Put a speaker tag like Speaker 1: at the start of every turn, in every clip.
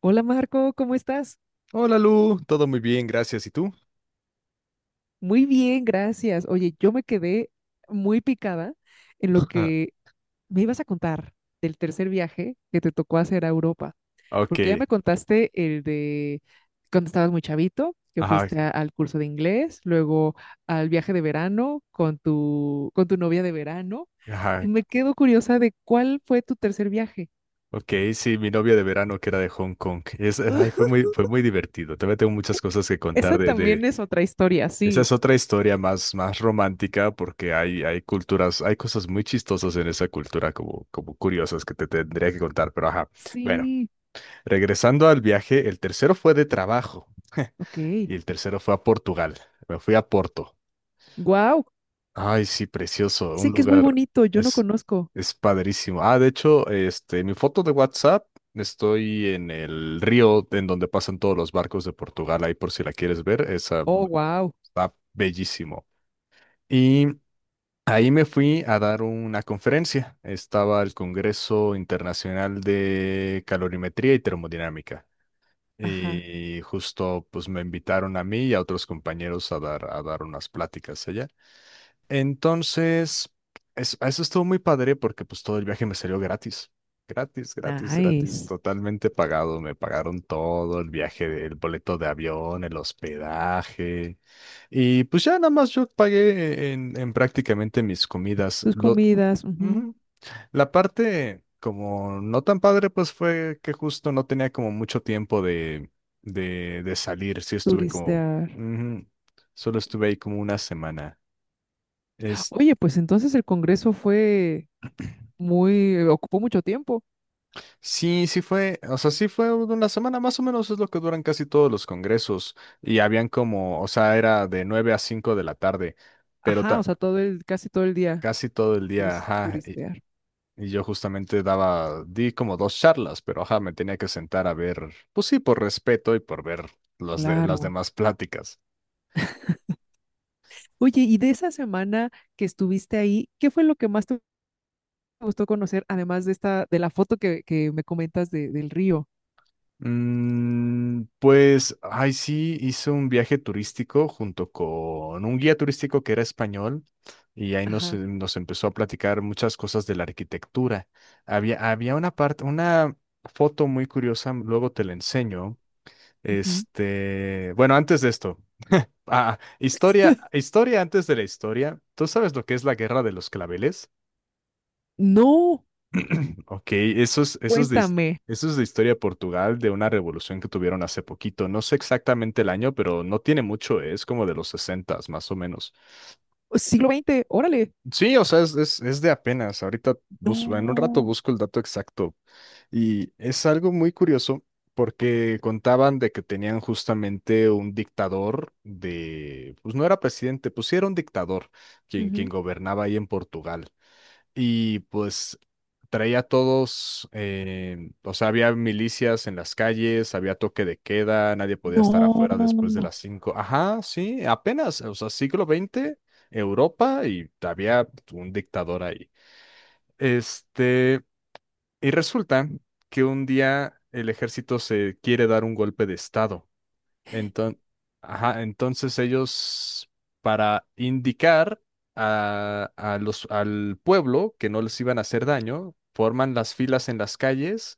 Speaker 1: Hola Marco, ¿cómo estás?
Speaker 2: Hola Lu, todo muy bien, gracias. ¿Y tú?
Speaker 1: Muy bien, gracias. Oye, yo me quedé muy picada en lo
Speaker 2: Ah,
Speaker 1: que me ibas a contar del tercer viaje que te tocó hacer a Europa,
Speaker 2: Ok,
Speaker 1: porque ya me contaste el de cuando estabas muy chavito, que
Speaker 2: ajá,
Speaker 1: fuiste al curso de inglés, luego al viaje de verano con con tu novia de verano,
Speaker 2: ajá,
Speaker 1: y me quedo curiosa de cuál fue tu tercer viaje.
Speaker 2: ok, sí, mi novia de verano que era de Hong Kong. Ay, fue muy, fue muy divertido. También tengo muchas cosas que contar
Speaker 1: Esa
Speaker 2: de,
Speaker 1: también
Speaker 2: de...
Speaker 1: es otra historia,
Speaker 2: Esa es
Speaker 1: sí.
Speaker 2: otra historia más, más romántica porque hay, culturas, hay cosas muy chistosas en esa cultura como curiosas que te tendría que contar, pero ajá. Bueno,
Speaker 1: Sí,
Speaker 2: regresando al viaje, el tercero fue de trabajo.
Speaker 1: ok.
Speaker 2: Y el tercero fue a Portugal. Me fui a Porto.
Speaker 1: Wow.
Speaker 2: Ay, sí, precioso,
Speaker 1: Dicen
Speaker 2: un
Speaker 1: que es muy
Speaker 2: lugar
Speaker 1: bonito, yo no
Speaker 2: es,
Speaker 1: conozco.
Speaker 2: es padrísimo. Ah, de hecho, este, mi foto de WhatsApp, estoy en el río en donde pasan todos los barcos de Portugal, ahí por si la quieres ver, esa
Speaker 1: Oh, wow.
Speaker 2: está bellísimo. Y ahí me fui a dar una conferencia. Estaba el Congreso Internacional de Calorimetría y Termodinámica.
Speaker 1: Ajá,
Speaker 2: Y justo pues me invitaron a mí y a otros compañeros a dar, unas pláticas allá. Entonces, eso estuvo muy padre porque pues todo el viaje me salió gratis. Gratis, gratis, gratis,
Speaker 1: nice.
Speaker 2: totalmente pagado. Me pagaron todo, el viaje, el boleto de avión, el hospedaje. Y pues ya nada más yo pagué en prácticamente mis comidas.
Speaker 1: Tus comidas, ujú.
Speaker 2: Ujú. La parte como no tan padre, pues fue que justo no tenía como mucho tiempo de salir. Sí estuve como,
Speaker 1: Turistear.
Speaker 2: ujú. Solo estuve ahí como una semana.
Speaker 1: Oye, pues entonces el congreso fue muy, ocupó mucho tiempo.
Speaker 2: Sí, sí fue, o sea, sí fue una semana más o menos, es lo que duran casi todos los congresos y habían como, o sea, era de 9 a 5 de la tarde, pero
Speaker 1: Ajá, o sea, todo el, casi todo el día
Speaker 2: casi todo el día,
Speaker 1: puedes
Speaker 2: ajá,
Speaker 1: turistear.
Speaker 2: y yo justamente di como dos charlas, pero ajá, me tenía que sentar a ver, pues sí, por respeto y por ver los de, las
Speaker 1: Claro.
Speaker 2: demás pláticas.
Speaker 1: Oye, y de esa semana que estuviste ahí, ¿qué fue lo que más te gustó conocer, además de esta, de la foto que me comentas del río?
Speaker 2: Mm, pues, ay, sí, hizo un viaje turístico junto con un guía turístico que era español y ahí nos, eh,
Speaker 1: Ajá.
Speaker 2: nos empezó a platicar muchas cosas de la arquitectura. Había una una foto muy curiosa, luego te la enseño.
Speaker 1: Ujú.
Speaker 2: Este, bueno, antes de esto, historia, historia antes de la historia. ¿Tú sabes lo que es la Guerra de los Claveles?
Speaker 1: No,
Speaker 2: Ok, esos, esos de, his-
Speaker 1: cuéntame.
Speaker 2: esos de historia de Portugal, de una revolución que tuvieron hace poquito. No sé exactamente el año, pero no tiene mucho, es como de los sesentas, más o menos.
Speaker 1: Siglo XX, órale.
Speaker 2: Sí, o sea, es, es de apenas. Ahorita busco, en un rato
Speaker 1: No.
Speaker 2: busco el dato exacto. Y es algo muy curioso porque contaban de que tenían justamente un dictador de, pues no era presidente, pues sí era un dictador quien
Speaker 1: Ujú.
Speaker 2: gobernaba ahí en Portugal y pues traía a todos, o sea, había milicias en las calles, había toque de queda, nadie podía estar afuera después de
Speaker 1: No.
Speaker 2: las cinco. Ajá, sí, apenas, o sea, siglo XX, Europa, y había un dictador ahí. Este, y resulta que un día el ejército se quiere dar un golpe de estado. Enton- ajá, entonces ellos, para indicar al pueblo que no les iban a hacer daño, forman las filas en las calles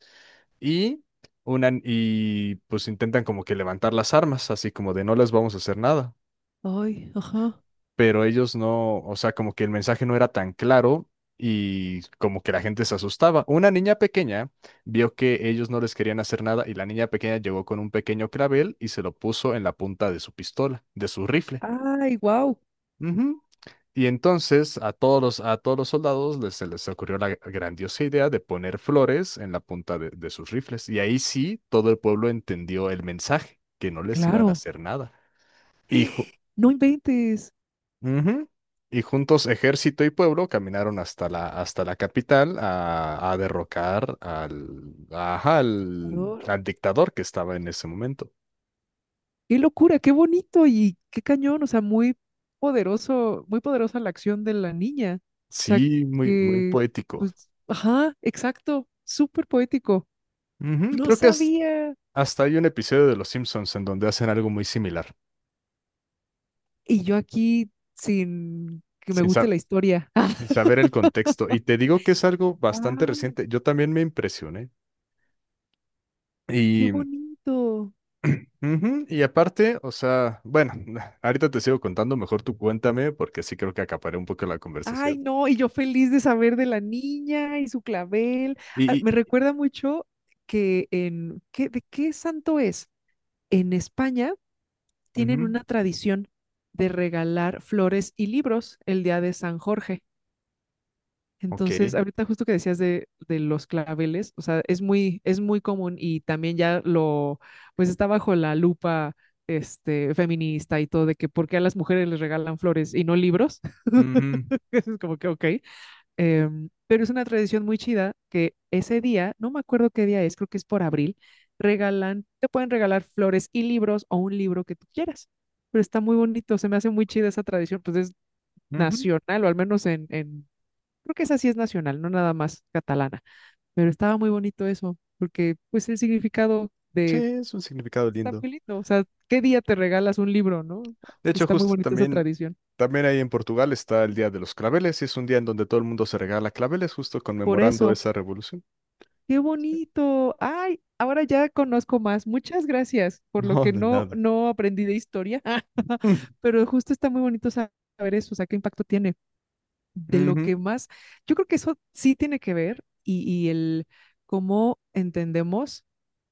Speaker 2: y, y pues intentan como que levantar las armas, así como de no les vamos a hacer nada,
Speaker 1: Ay, ajá.
Speaker 2: pero ellos no, o sea, como que el mensaje no era tan claro y como que la gente se asustaba. Una niña pequeña vio que ellos no les querían hacer nada y la niña pequeña llegó con un pequeño clavel y se lo puso en la punta de su pistola, de su rifle.
Speaker 1: Ay, wow.
Speaker 2: Ujú. Y entonces a todos los soldados les, se les ocurrió la grandiosa idea de poner flores en la punta de sus rifles. Y ahí sí, todo el pueblo entendió el mensaje, que no les iban
Speaker 1: Claro,
Speaker 2: a hacer nada. Y ju-
Speaker 1: no inventes.
Speaker 2: Ujú. Y juntos ejército y pueblo caminaron hasta hasta la capital a derrocar al, ajá, al,
Speaker 1: Ador.
Speaker 2: al dictador que estaba en ese momento.
Speaker 1: Qué locura, qué bonito y qué cañón. O sea, muy poderoso, muy poderosa la acción de la niña. O sea,
Speaker 2: Sí, muy, muy
Speaker 1: que,
Speaker 2: poético.
Speaker 1: pues, ajá, exacto. Súper poético.
Speaker 2: Ujú.
Speaker 1: No
Speaker 2: Creo que
Speaker 1: sabía.
Speaker 2: hasta hay un episodio de Los Simpsons en donde hacen algo muy similar,
Speaker 1: Y yo aquí sin que me
Speaker 2: sin, sa-
Speaker 1: guste la historia.
Speaker 2: sin saber el contexto. Y te digo que es algo bastante
Speaker 1: Wow,
Speaker 2: reciente. Yo también me impresioné.
Speaker 1: qué
Speaker 2: y
Speaker 1: bonito.
Speaker 2: Ujú. Y aparte, o sea, bueno, ahorita te sigo contando, mejor tú cuéntame, porque sí creo que acaparé un poco la
Speaker 1: Ay,
Speaker 2: conversación.
Speaker 1: no, y yo feliz de saber de la niña y su clavel.
Speaker 2: Y,
Speaker 1: Ah, me
Speaker 2: y
Speaker 1: recuerda mucho que en, ¿qué, de qué santo es? En España tienen
Speaker 2: ujú,
Speaker 1: una tradición de regalar flores y libros el día de San Jorge.
Speaker 2: ok.
Speaker 1: Entonces, ahorita justo que decías de los claveles, o sea, es muy común y también ya lo, pues está bajo la lupa, este, feminista y todo de que por qué a las mujeres les regalan flores y no libros.
Speaker 2: Ujú,
Speaker 1: Es como que, ok. Em, pero es una tradición muy chida que ese día, no me acuerdo qué día es, creo que es por abril, regalan, te pueden regalar flores y libros o un libro que tú quieras. Pero está muy bonito, se me hace muy chida esa tradición, pues es
Speaker 2: ujú.
Speaker 1: nacional, o al menos creo que esa sí es nacional, no nada más catalana. Pero estaba muy bonito eso, porque pues el significado
Speaker 2: Sí,
Speaker 1: de,
Speaker 2: es un significado
Speaker 1: está
Speaker 2: lindo.
Speaker 1: muy lindo, o sea, ¿qué día te regalas un libro, no?
Speaker 2: De hecho,
Speaker 1: Está muy
Speaker 2: justo
Speaker 1: bonita esa
Speaker 2: también,
Speaker 1: tradición.
Speaker 2: también ahí en Portugal está el Día de los Claveles, y es un día en donde todo el mundo se regala claveles, justo
Speaker 1: Por
Speaker 2: conmemorando
Speaker 1: eso.
Speaker 2: esa revolución.
Speaker 1: Qué
Speaker 2: Sí.
Speaker 1: bonito. Ay, ahora ya conozco más. Muchas gracias por lo
Speaker 2: No,
Speaker 1: que
Speaker 2: de nada.
Speaker 1: no aprendí de historia, pero justo está muy bonito saber eso, o sea, qué impacto tiene. De lo
Speaker 2: Ujú.
Speaker 1: que más, yo creo que eso sí tiene que ver y el cómo entendemos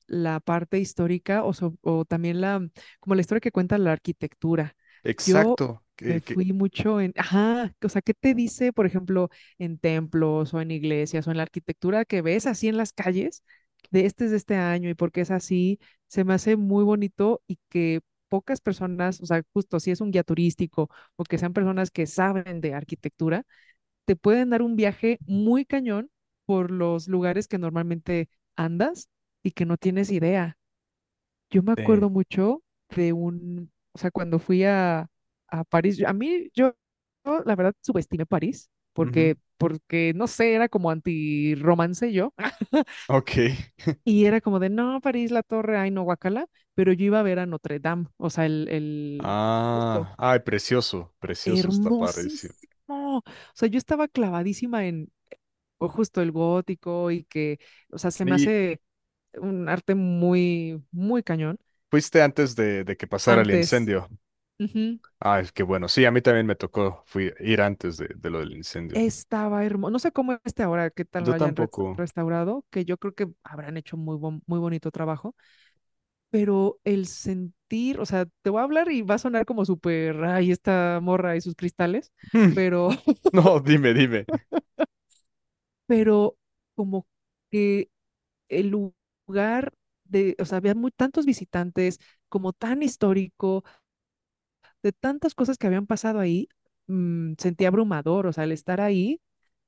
Speaker 1: la parte histórica o, o también la, como la historia que cuenta la arquitectura. Yo
Speaker 2: Exacto.
Speaker 1: me fui mucho en, ajá, o sea, ¿qué te dice, por ejemplo, en templos o en iglesias o en la arquitectura que ves así en las calles de este es de este año y por qué es así? Se me hace muy bonito y que pocas personas, o sea, justo si es un guía turístico o que sean personas que saben de arquitectura te pueden dar un viaje muy cañón por los lugares que normalmente andas y que no tienes idea. Yo me
Speaker 2: Eh,
Speaker 1: acuerdo mucho de un, o sea, cuando a París, yo, la verdad subestimé París
Speaker 2: ujú.
Speaker 1: porque, porque, no sé, era como anti-romance yo.
Speaker 2: Ok.
Speaker 1: Y era como de, no, París, la torre, ay, no, guacala, pero yo iba a ver a Notre Dame, o sea, justo,
Speaker 2: Ah, ay, precioso, precioso está parecido.
Speaker 1: hermosísimo. O sea, yo estaba clavadísima en, o justo el gótico y que, o sea, se me
Speaker 2: Y
Speaker 1: hace un arte muy, muy cañón.
Speaker 2: fuiste antes de que pasara el
Speaker 1: Antes,
Speaker 2: incendio.
Speaker 1: ujú,
Speaker 2: Ah, es que bueno, sí, a mí también me tocó ir antes de lo del incendio.
Speaker 1: estaba hermoso. No sé cómo este ahora, qué tal lo
Speaker 2: Yo
Speaker 1: hayan
Speaker 2: tampoco.
Speaker 1: restaurado, que yo creo que habrán hecho muy, muy bonito trabajo, pero el sentir, o sea, te voy a hablar y va a sonar como súper, ay, esta morra y sus cristales,
Speaker 2: Mm.
Speaker 1: pero,
Speaker 2: No, dime, dime.
Speaker 1: pero como que el lugar de, o sea, había muy, tantos visitantes, como tan histórico de tantas cosas que habían pasado ahí, sentí abrumador, o sea, el estar ahí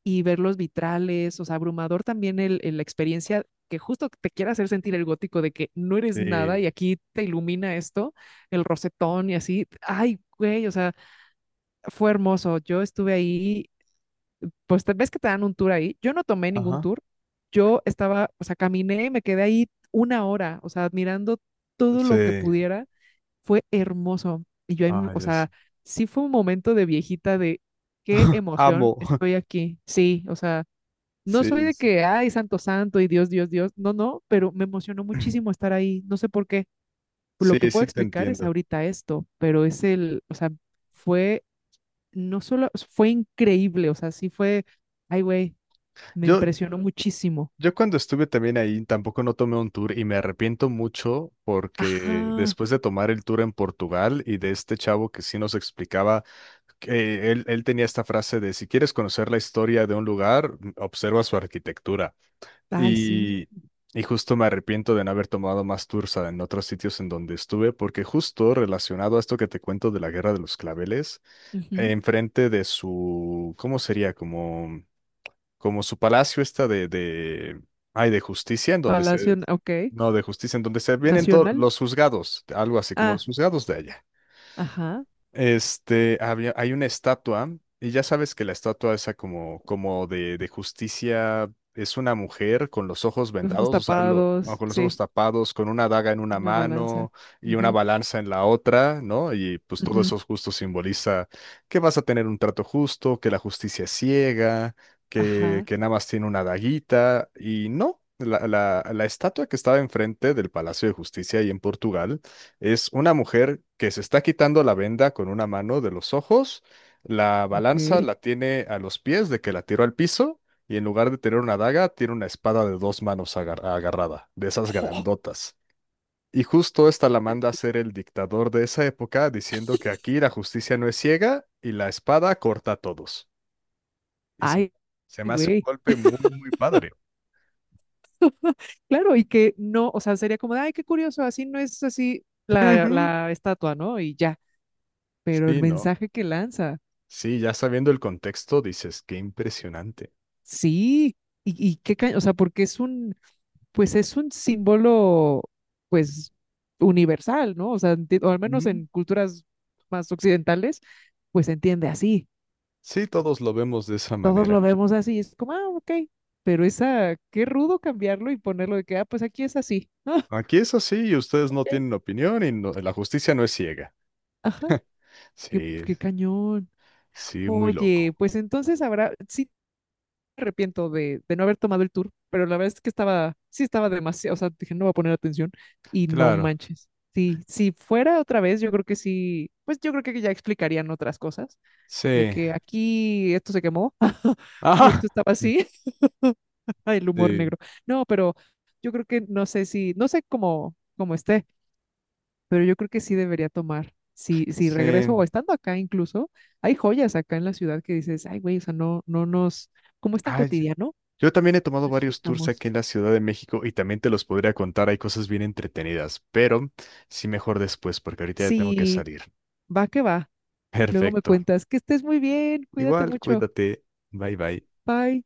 Speaker 1: y ver los vitrales, o sea, abrumador también la experiencia que justo te quiere hacer sentir el gótico de que no eres nada y
Speaker 2: Sí.
Speaker 1: aquí te ilumina esto, el rosetón y así. Ay, güey, o sea, fue hermoso. Yo estuve ahí, pues ves que te dan un tour ahí. Yo no tomé ningún
Speaker 2: Ajá.
Speaker 1: tour. Yo estaba, o sea, caminé, me quedé ahí una hora, o sea, admirando todo lo que
Speaker 2: Sí.
Speaker 1: pudiera fue hermoso. Y yo,
Speaker 2: Ah,
Speaker 1: o
Speaker 2: yo
Speaker 1: sea,
Speaker 2: sí.
Speaker 1: sí fue un momento de viejita de qué emoción
Speaker 2: Amo.
Speaker 1: estoy aquí. Sí, o sea, no soy
Speaker 2: Sí,
Speaker 1: de
Speaker 2: sí.
Speaker 1: que, ay, santo, santo y Dios, Dios, Dios. No, no, pero me emocionó muchísimo estar ahí. No sé por qué. Lo que
Speaker 2: Sí,
Speaker 1: puedo
Speaker 2: sí te
Speaker 1: explicar es
Speaker 2: entiendo.
Speaker 1: ahorita esto, pero es el, o sea, fue, no solo, fue increíble, o sea, sí fue, ay, güey, me
Speaker 2: Yo,
Speaker 1: impresionó muchísimo.
Speaker 2: Yo cuando estuve también ahí tampoco no tomé un tour y me arrepiento mucho porque
Speaker 1: Ajá,
Speaker 2: después de tomar el tour en Portugal y de este chavo que sí nos explicaba, que él tenía esta frase de si quieres conocer la historia de un lugar, observa su arquitectura.
Speaker 1: ay, sí.
Speaker 2: Y, y justo me arrepiento de no haber tomado más tours en otros sitios en donde estuve porque justo relacionado a esto que te cuento de la Guerra de los Claveles,
Speaker 1: Ujú.
Speaker 2: enfrente de su, ¿cómo sería? Como su palacio está ay, de justicia, en donde se,
Speaker 1: Palacio, ok.
Speaker 2: no, de justicia, en donde se vienen todos
Speaker 1: Nacional.
Speaker 2: los juzgados, algo así como
Speaker 1: Ah,
Speaker 2: los juzgados de allá.
Speaker 1: ajá.
Speaker 2: Este, había, hay una estatua, y ya sabes que la estatua esa como, como de justicia es una mujer con los ojos
Speaker 1: Los ojos
Speaker 2: vendados, o sea, o
Speaker 1: tapados,
Speaker 2: con los ojos
Speaker 1: sí,
Speaker 2: tapados, con una daga en una
Speaker 1: una balanza.
Speaker 2: mano y una
Speaker 1: Ujú,
Speaker 2: balanza en la otra, ¿no? Y pues todo
Speaker 1: ujú.
Speaker 2: eso justo simboliza que vas a tener un trato justo, que la justicia es ciega,
Speaker 1: Ajá,
Speaker 2: que nada más tiene una daguita, y no, la, la estatua que estaba enfrente del Palacio de Justicia ahí en Portugal es una mujer que se está quitando la venda con una mano de los ojos, la balanza
Speaker 1: ok.
Speaker 2: la tiene a los pies de que la tiró al piso y en lugar de tener una daga tiene una espada de dos manos agarrada, de esas grandotas. Y justo esta la manda a ser el dictador de esa época diciendo que aquí la justicia no es ciega y la espada corta a todos. Y sí,
Speaker 1: Ay,
Speaker 2: se me hace un
Speaker 1: güey.
Speaker 2: golpe muy, muy padre.
Speaker 1: Claro, y que no, o sea, sería como de, ay, qué curioso, así no es así la,
Speaker 2: Ujú.
Speaker 1: la estatua, ¿no? Y ya, pero el
Speaker 2: Sí, ¿no?
Speaker 1: mensaje que lanza,
Speaker 2: Sí, ya sabiendo el contexto dices, qué impresionante.
Speaker 1: sí, y qué, o sea, porque es un, pues es un símbolo, pues, universal, ¿no? O sea, o al menos en culturas más occidentales, pues se entiende así.
Speaker 2: Sí, todos lo vemos de esa
Speaker 1: Todos
Speaker 2: manera.
Speaker 1: lo vemos así, es como, ah, ok, pero esa, qué rudo cambiarlo y ponerlo de que, ah, pues aquí es así. Ah,
Speaker 2: Aquí es así y ustedes no
Speaker 1: ok,
Speaker 2: tienen opinión y la justicia no es ciega.
Speaker 1: ajá, qué,
Speaker 2: Sí,
Speaker 1: qué cañón.
Speaker 2: sí, muy
Speaker 1: Oye,
Speaker 2: loco.
Speaker 1: pues entonces habrá, sí me arrepiento de no haber tomado el tour, pero la verdad es que estaba, sí estaba demasiado, o sea, dije, no voy a poner atención y no
Speaker 2: Claro,
Speaker 1: manches. Sí, si fuera otra vez, yo creo que sí, pues yo creo que ya explicarían otras cosas, de
Speaker 2: sí.
Speaker 1: que aquí esto se quemó, y
Speaker 2: Ajá.
Speaker 1: esto estaba así. Ay, el humor
Speaker 2: Sí,
Speaker 1: negro. No, pero yo creo que no sé si, no sé cómo, cómo esté, pero yo creo que sí debería tomar. Si, si
Speaker 2: sí.
Speaker 1: regreso o estando acá incluso, hay joyas acá en la ciudad que dices, ay, güey, o sea, no, como es tan
Speaker 2: Ay,
Speaker 1: cotidiano,
Speaker 2: yo también he tomado
Speaker 1: nos
Speaker 2: varios tours
Speaker 1: fijamos.
Speaker 2: aquí en la Ciudad de México y también te los podría contar. Hay cosas bien entretenidas, pero sí mejor después porque ahorita ya tengo que
Speaker 1: Sí,
Speaker 2: salir.
Speaker 1: va que va. Luego me
Speaker 2: Perfecto.
Speaker 1: cuentas que estés muy bien, cuídate
Speaker 2: Igual,
Speaker 1: mucho.
Speaker 2: cuídate. Bye bye.
Speaker 1: Bye.